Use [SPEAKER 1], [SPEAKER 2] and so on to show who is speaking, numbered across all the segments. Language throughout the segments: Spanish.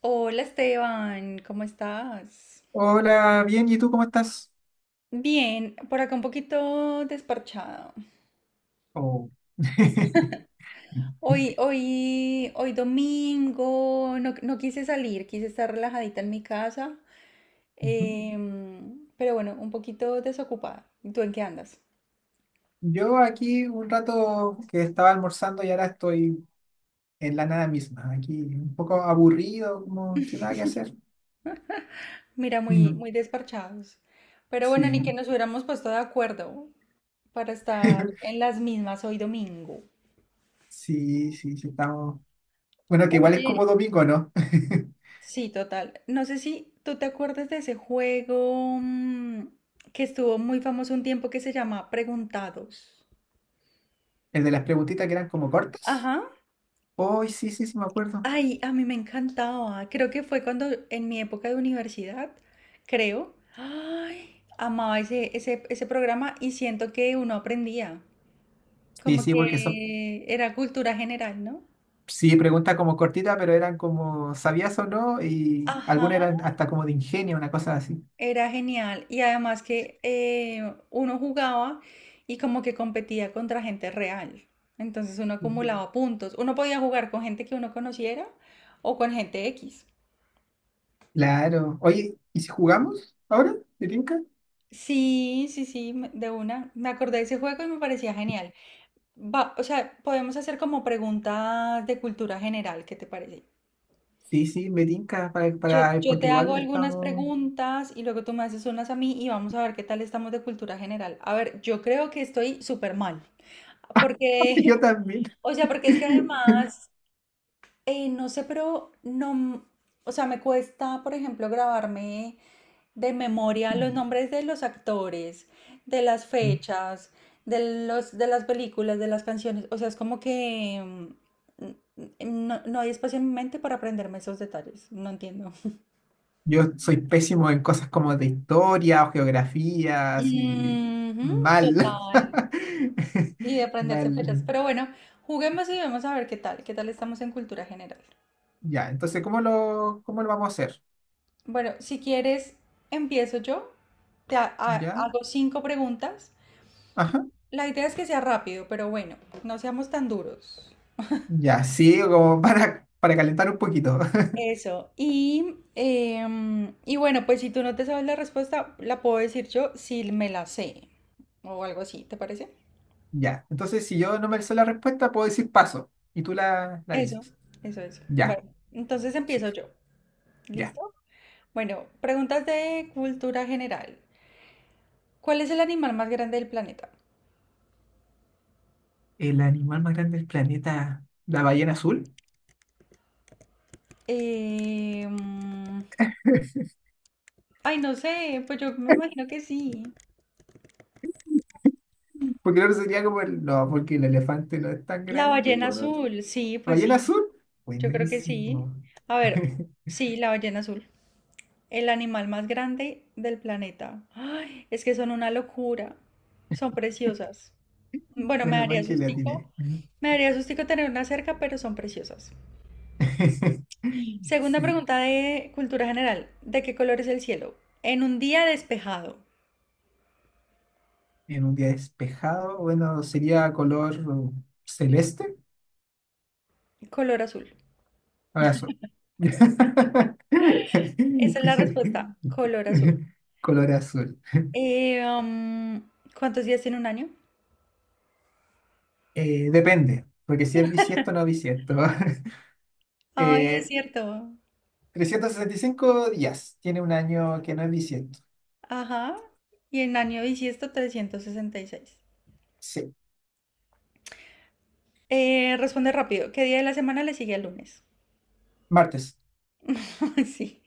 [SPEAKER 1] Hola Esteban, ¿cómo estás?
[SPEAKER 2] Hola, bien, ¿y tú cómo estás?
[SPEAKER 1] Bien, por acá un poquito desparchado.
[SPEAKER 2] Oh.
[SPEAKER 1] Hoy domingo, no quise salir, quise estar relajadita en mi casa,
[SPEAKER 2] Ujú.
[SPEAKER 1] pero bueno, un poquito desocupada. ¿Y tú en qué andas?
[SPEAKER 2] Yo aquí un rato que estaba almorzando y ahora estoy en la nada misma, aquí un poco aburrido, como sin nada que hacer.
[SPEAKER 1] Mira, muy,
[SPEAKER 2] Ujú.
[SPEAKER 1] muy desparchados. Pero bueno, ni que
[SPEAKER 2] Sí,
[SPEAKER 1] nos hubiéramos puesto de acuerdo para estar en las mismas hoy domingo.
[SPEAKER 2] sí, sí, sí, estamos. Bueno, que igual es como domingo, ¿no?
[SPEAKER 1] Sí, total. No sé si tú te acuerdas de ese juego que estuvo muy famoso un tiempo que se llama Preguntados.
[SPEAKER 2] El de las preguntitas que eran como cortas.
[SPEAKER 1] Ajá.
[SPEAKER 2] Hoy sí, sí, sí, me acuerdo.
[SPEAKER 1] Ay, a mí me encantaba. Creo que fue cuando en mi época de universidad, creo. Ay, amaba ese programa y siento que uno aprendía.
[SPEAKER 2] Sí,
[SPEAKER 1] Como
[SPEAKER 2] sí,
[SPEAKER 1] que
[SPEAKER 2] porque son,
[SPEAKER 1] era cultura general, ¿no?
[SPEAKER 2] sí, preguntas como cortitas, pero eran como ¿sabías o no? Y
[SPEAKER 1] Ajá.
[SPEAKER 2] algunas eran hasta como de ingenio, una cosa así.
[SPEAKER 1] Era genial y además que uno jugaba y como que competía contra gente real. Entonces uno sí, acumulaba puntos. Uno podía jugar con gente que uno conociera o con gente X.
[SPEAKER 2] Claro. Oye, ¿y si jugamos ahora? ¿Me tinca?
[SPEAKER 1] Sí, sí, sí, de una. Me acordé de ese juego y me parecía genial. O sea, podemos hacer como preguntas de cultura general, ¿qué te parece?
[SPEAKER 2] Sí, sí, me tinca para,
[SPEAKER 1] Yo,
[SPEAKER 2] para,
[SPEAKER 1] yo
[SPEAKER 2] porque
[SPEAKER 1] te hago
[SPEAKER 2] igual
[SPEAKER 1] algunas
[SPEAKER 2] estamos.
[SPEAKER 1] preguntas y luego tú me haces unas a mí y vamos a ver qué tal estamos de cultura general. A ver, yo creo que estoy súper mal. Porque,
[SPEAKER 2] Yo también.
[SPEAKER 1] o sea, porque es que además, no sé, pero no, o sea, me cuesta, por ejemplo, grabarme de memoria los nombres de los actores, de las fechas, de de las películas, de las canciones. O sea, es como que no hay espacio en mi mente para aprenderme esos detalles. No entiendo.
[SPEAKER 2] Yo soy pésimo en cosas como de historia o geografía, así
[SPEAKER 1] Ujú,
[SPEAKER 2] mal.
[SPEAKER 1] total. Y de aprenderse
[SPEAKER 2] Mal.
[SPEAKER 1] fechas. Pero bueno, juguemos y vemos a ver qué tal. ¿Qué tal estamos en cultura general?
[SPEAKER 2] Ya, entonces, ¿cómo lo vamos a hacer?
[SPEAKER 1] Bueno, si quieres, empiezo yo.
[SPEAKER 2] ¿Ya?
[SPEAKER 1] Hago cinco preguntas.
[SPEAKER 2] Ajá.
[SPEAKER 1] La idea es que sea rápido, pero bueno, no seamos tan duros.
[SPEAKER 2] Ya, sí, como para calentar un poquito.
[SPEAKER 1] Eso. Y, y bueno, pues si tú no te sabes la respuesta, la puedo decir yo si me la sé o algo así, ¿te parece?
[SPEAKER 2] Ya, entonces si yo no me sé la respuesta, puedo decir paso y tú la
[SPEAKER 1] Eso,
[SPEAKER 2] dices.
[SPEAKER 1] eso. Bueno,
[SPEAKER 2] Ya,
[SPEAKER 1] entonces empiezo yo.
[SPEAKER 2] ya.
[SPEAKER 1] ¿Listo? Bueno, preguntas de cultura general. ¿Cuál es el animal más grande del planeta?
[SPEAKER 2] El animal más grande del planeta, la ballena azul.
[SPEAKER 1] Em, Ay, no sé, pues yo me imagino que sí.
[SPEAKER 2] Porque el otro sería como el... No, porque el elefante no es tan
[SPEAKER 1] La
[SPEAKER 2] grande
[SPEAKER 1] ballena
[SPEAKER 2] como el otro.
[SPEAKER 1] azul, sí,
[SPEAKER 2] ¿La
[SPEAKER 1] pues
[SPEAKER 2] ballena azul?
[SPEAKER 1] sí. Yo creo que sí.
[SPEAKER 2] Buenísimo.
[SPEAKER 1] A ver, sí, la ballena azul. El animal más grande del planeta. Ay, es que son una locura. Son preciosas. Bueno, me
[SPEAKER 2] Menos mal
[SPEAKER 1] daría
[SPEAKER 2] que le
[SPEAKER 1] sustico.
[SPEAKER 2] atiné.
[SPEAKER 1] Me daría sustico tener una cerca, pero son preciosas. Segunda
[SPEAKER 2] Sí,
[SPEAKER 1] pregunta de cultura general. ¿De qué color es el cielo? En un día despejado.
[SPEAKER 2] en un día despejado, bueno, sería color celeste.
[SPEAKER 1] Color azul.
[SPEAKER 2] Ahora sol.
[SPEAKER 1] Esa es la respuesta. Color azul.
[SPEAKER 2] Color azul.
[SPEAKER 1] Eh, am, ¿Cuántos días tiene un año?
[SPEAKER 2] Depende, porque si es bisiesto o no bisiesto.
[SPEAKER 1] Ay, es
[SPEAKER 2] Eh,
[SPEAKER 1] cierto.
[SPEAKER 2] 365 días. Tiene un año que no es bisiesto.
[SPEAKER 1] Ajá. Y en año bisiesto 366.
[SPEAKER 2] Sí,
[SPEAKER 1] Responde rápido. ¿Qué día de la semana le sigue al lunes?
[SPEAKER 2] martes.
[SPEAKER 1] Sí.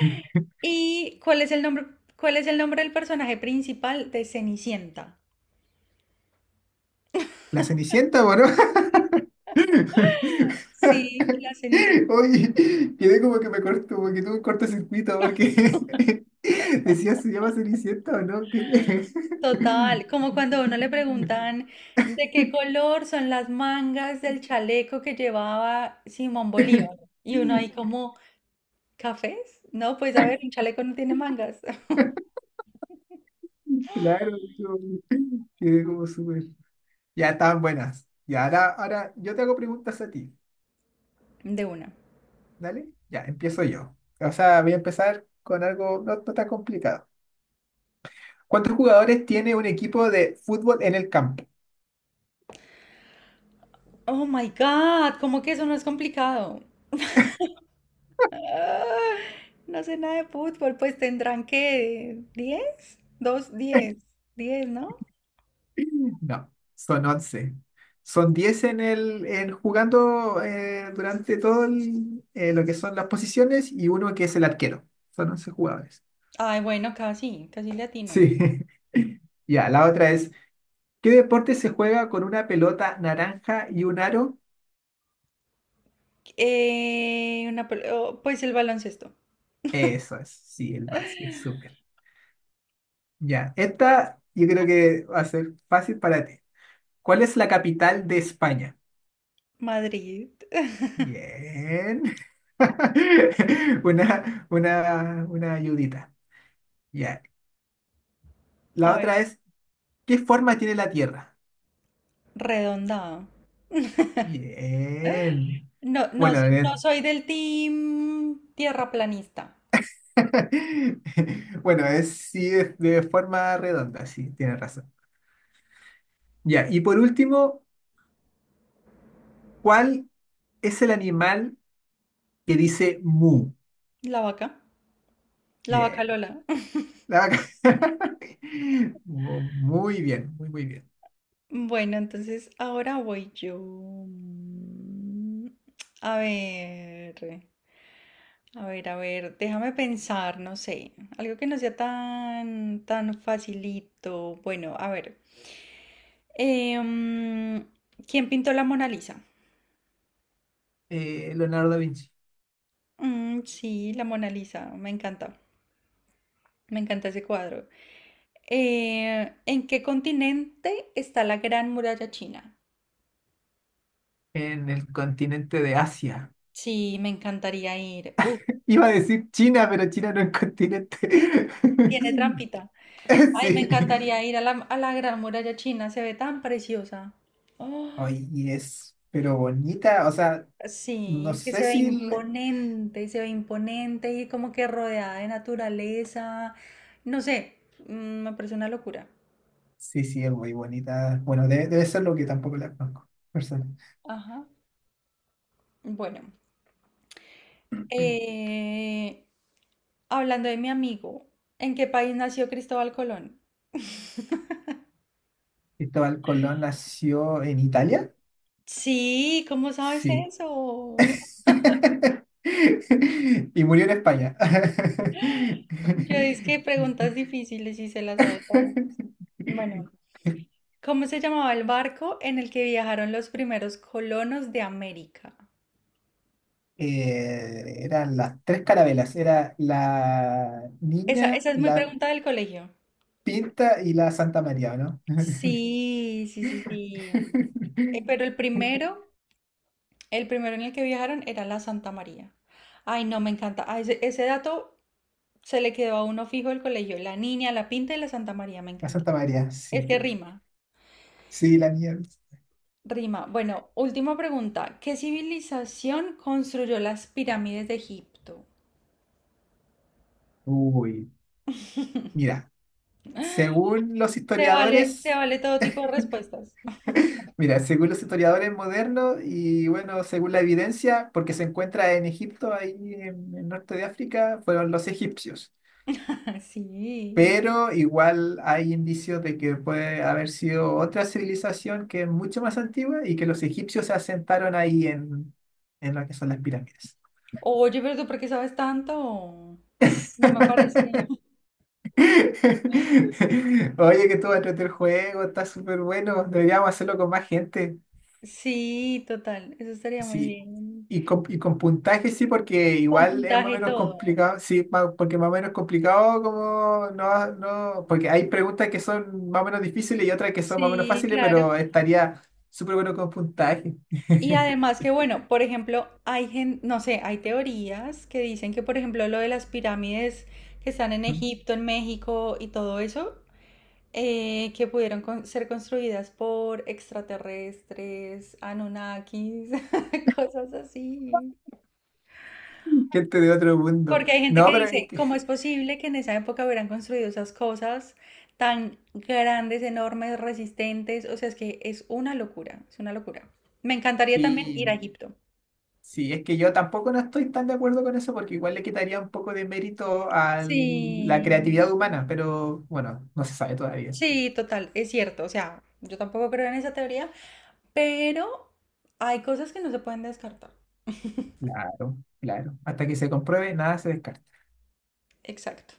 [SPEAKER 1] ¿Y cuál es el nombre, cuál es el nombre del personaje principal de Cenicienta?
[SPEAKER 2] La Cenicienta, bueno.
[SPEAKER 1] Sí, la Cenicienta.
[SPEAKER 2] Oye, quedé como que me corto, como que tuve un cortocircuito porque decía se llama Cenicienta o no. ¿Qué?
[SPEAKER 1] Total, como cuando a uno le preguntan de qué color son las mangas del chaleco que llevaba Simón Bolívar. Y uno ahí como, ¿cafés? No, pues a ver, un chaleco no tiene mangas.
[SPEAKER 2] Claro, digo, quedé como súper. Ya estaban buenas. Y ahora, ahora yo te hago preguntas a ti.
[SPEAKER 1] De una.
[SPEAKER 2] Dale, ya, empiezo yo. O sea, voy a empezar con algo no tan complicado. ¿Cuántos jugadores tiene un equipo de fútbol en el campo?
[SPEAKER 1] Oh my God, ¿cómo que eso no es complicado? Ah, no sé nada de fútbol, pues tendrán que diez, dos, diez, diez, ¿no?
[SPEAKER 2] No, son 11. Son 10 en jugando durante lo que son las posiciones y uno que es el arquero. Son 11 jugadores.
[SPEAKER 1] Ay, bueno, casi, casi latino.
[SPEAKER 2] Sí. Ya, la otra es, ¿qué deporte se juega con una pelota naranja y un aro?
[SPEAKER 1] Oh, pues el baloncesto.
[SPEAKER 2] Eso es, sí, el básquet, súper. Ya, esta yo creo que va a ser fácil para ti. ¿Cuál es la capital de España?
[SPEAKER 1] Madrid.
[SPEAKER 2] Bien. Una ayudita. Ya.
[SPEAKER 1] A
[SPEAKER 2] La
[SPEAKER 1] ver,
[SPEAKER 2] otra es, ¿qué forma tiene la Tierra?
[SPEAKER 1] redondado.
[SPEAKER 2] Bien.
[SPEAKER 1] No, no,
[SPEAKER 2] Bueno,
[SPEAKER 1] no soy del team tierraplanista.
[SPEAKER 2] bueno, es sí es de forma redonda, sí, tienes razón. Ya, y por último, ¿cuál es el animal que dice mu?
[SPEAKER 1] La vaca, la vaca
[SPEAKER 2] Bien.
[SPEAKER 1] Lola.
[SPEAKER 2] La vaca. Muy bien, muy bien.
[SPEAKER 1] Bueno, entonces ahora voy yo. A ver, déjame pensar, no sé, algo que no sea tan facilito. Bueno, a ver, eh, mm, ¿quién pintó la Mona Lisa?
[SPEAKER 2] Leonardo da Vinci,
[SPEAKER 1] Sí, la Mona Lisa, me encanta ese cuadro. ¿En qué continente está la Gran Muralla China?
[SPEAKER 2] en el continente de Asia.
[SPEAKER 1] Sí, me encantaría ir. Uf,
[SPEAKER 2] Iba a decir China, pero China no es continente.
[SPEAKER 1] tiene trampita. Ay, me
[SPEAKER 2] Sí.
[SPEAKER 1] encantaría ir a a la Gran Muralla China, se ve tan preciosa. Oh,
[SPEAKER 2] Ay, y es, pero bonita, o sea,
[SPEAKER 1] sí,
[SPEAKER 2] no
[SPEAKER 1] es que
[SPEAKER 2] sé si... el-
[SPEAKER 1] se ve imponente y como que rodeada de naturaleza. No sé, mm, me parece una locura.
[SPEAKER 2] Sí, sí, es muy bonita. Bueno, debe ser lo que tampoco la conozco. Persona.
[SPEAKER 1] Ajá. Bueno, eh, hablando de mi amigo, ¿en qué país nació Cristóbal Colón?
[SPEAKER 2] Cristóbal Colón nació en Italia.
[SPEAKER 1] Sí, ¿cómo sabes
[SPEAKER 2] Sí.
[SPEAKER 1] eso?
[SPEAKER 2] Y murió en España.
[SPEAKER 1] Yo es que preguntas difíciles y se las sabe todo. Bueno, ¿cómo se llamaba el barco en el que viajaron los primeros colonos de América?
[SPEAKER 2] Eran las tres carabelas. Era la
[SPEAKER 1] Esa,
[SPEAKER 2] niña,
[SPEAKER 1] esa es muy
[SPEAKER 2] la
[SPEAKER 1] pregunta del colegio.
[SPEAKER 2] pinta y la Santa María, ¿o no?
[SPEAKER 1] Sí, sí, sí, sí. Pero el primero en el que viajaron era la Santa María. Ay, no, me encanta. Ah, ese dato se le quedó a uno fijo el colegio. La niña, la pinta y la Santa María, me
[SPEAKER 2] La Santa
[SPEAKER 1] encantaba.
[SPEAKER 2] María, sí.
[SPEAKER 1] Es que sí, rima,
[SPEAKER 2] Sí, la niña.
[SPEAKER 1] rima. Bueno, última pregunta. ¿Qué civilización construyó las pirámides de Egipto?
[SPEAKER 2] Uy, mira, según los
[SPEAKER 1] Se
[SPEAKER 2] historiadores,
[SPEAKER 1] vale todo tipo de respuestas.
[SPEAKER 2] mira, según los historiadores modernos y bueno, según la evidencia, porque se encuentra en Egipto, ahí en el norte de África, fueron los egipcios.
[SPEAKER 1] Sí.
[SPEAKER 2] Pero igual hay indicios de que puede haber sido otra civilización que es mucho más antigua y que los egipcios se asentaron en lo que son las pirámides.
[SPEAKER 1] Oye, pero ¿tú por qué sabes tanto? No me parece.
[SPEAKER 2] Oye, que tú vas a el juego, está súper bueno, deberíamos hacerlo con más gente.
[SPEAKER 1] Sí, total, eso estaría muy
[SPEAKER 2] Sí,
[SPEAKER 1] bien.
[SPEAKER 2] y con puntaje sí, porque
[SPEAKER 1] Con
[SPEAKER 2] igual es más o
[SPEAKER 1] puntaje y
[SPEAKER 2] menos
[SPEAKER 1] todo.
[SPEAKER 2] complicado, sí, porque más o menos complicado como no, porque hay preguntas que son más o menos difíciles y otras que son más o menos
[SPEAKER 1] Sí,
[SPEAKER 2] fáciles,
[SPEAKER 1] claro.
[SPEAKER 2] pero estaría súper bueno con puntaje.
[SPEAKER 1] Y además que, bueno, por ejemplo, hay no sé, hay teorías que dicen que, por ejemplo, lo de las pirámides que están en Egipto, en México y todo eso, que pudieron ser construidas por extraterrestres, Anunnakis, cosas así.
[SPEAKER 2] Gente de otro mundo.
[SPEAKER 1] Porque hay gente
[SPEAKER 2] No,
[SPEAKER 1] que
[SPEAKER 2] pero es
[SPEAKER 1] dice,
[SPEAKER 2] que,
[SPEAKER 1] ¿cómo es posible que en esa época hubieran construido esas cosas tan grandes, enormes, resistentes? O sea, es que es una locura, es una locura. Me encantaría también ir a
[SPEAKER 2] sí,
[SPEAKER 1] Egipto.
[SPEAKER 2] sí, es que yo tampoco no estoy tan de acuerdo con eso porque igual le quitaría un poco de mérito a la
[SPEAKER 1] Sí,
[SPEAKER 2] creatividad humana, pero bueno, no se sabe todavía.
[SPEAKER 1] sí, total, es cierto. O sea, yo tampoco creo en esa teoría, pero hay cosas que no se pueden descartar.
[SPEAKER 2] Claro, claro. Hasta que se compruebe, nada se descarta.
[SPEAKER 1] Exacto.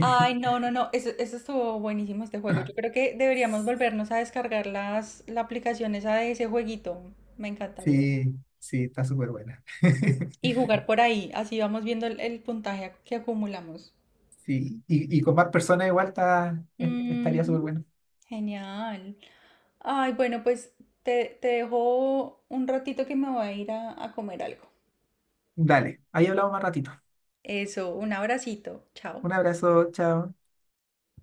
[SPEAKER 1] Ay, no, no, no, eso estuvo buenísimo este juego. Yo creo que deberíamos volvernos a descargar la aplicación esa de ese jueguito. Me encantaría.
[SPEAKER 2] Sí, sí, está súper buena.
[SPEAKER 1] Y jugar por ahí, así vamos viendo el puntaje que acumulamos.
[SPEAKER 2] Sí, y con más personas igual estaría súper
[SPEAKER 1] Ujú,
[SPEAKER 2] bueno.
[SPEAKER 1] genial. Ay, bueno, pues te dejo un ratito que me voy a ir a comer algo.
[SPEAKER 2] Dale, ahí hablamos más ratito.
[SPEAKER 1] Eso, un abracito. Chao.
[SPEAKER 2] Un abrazo, chao.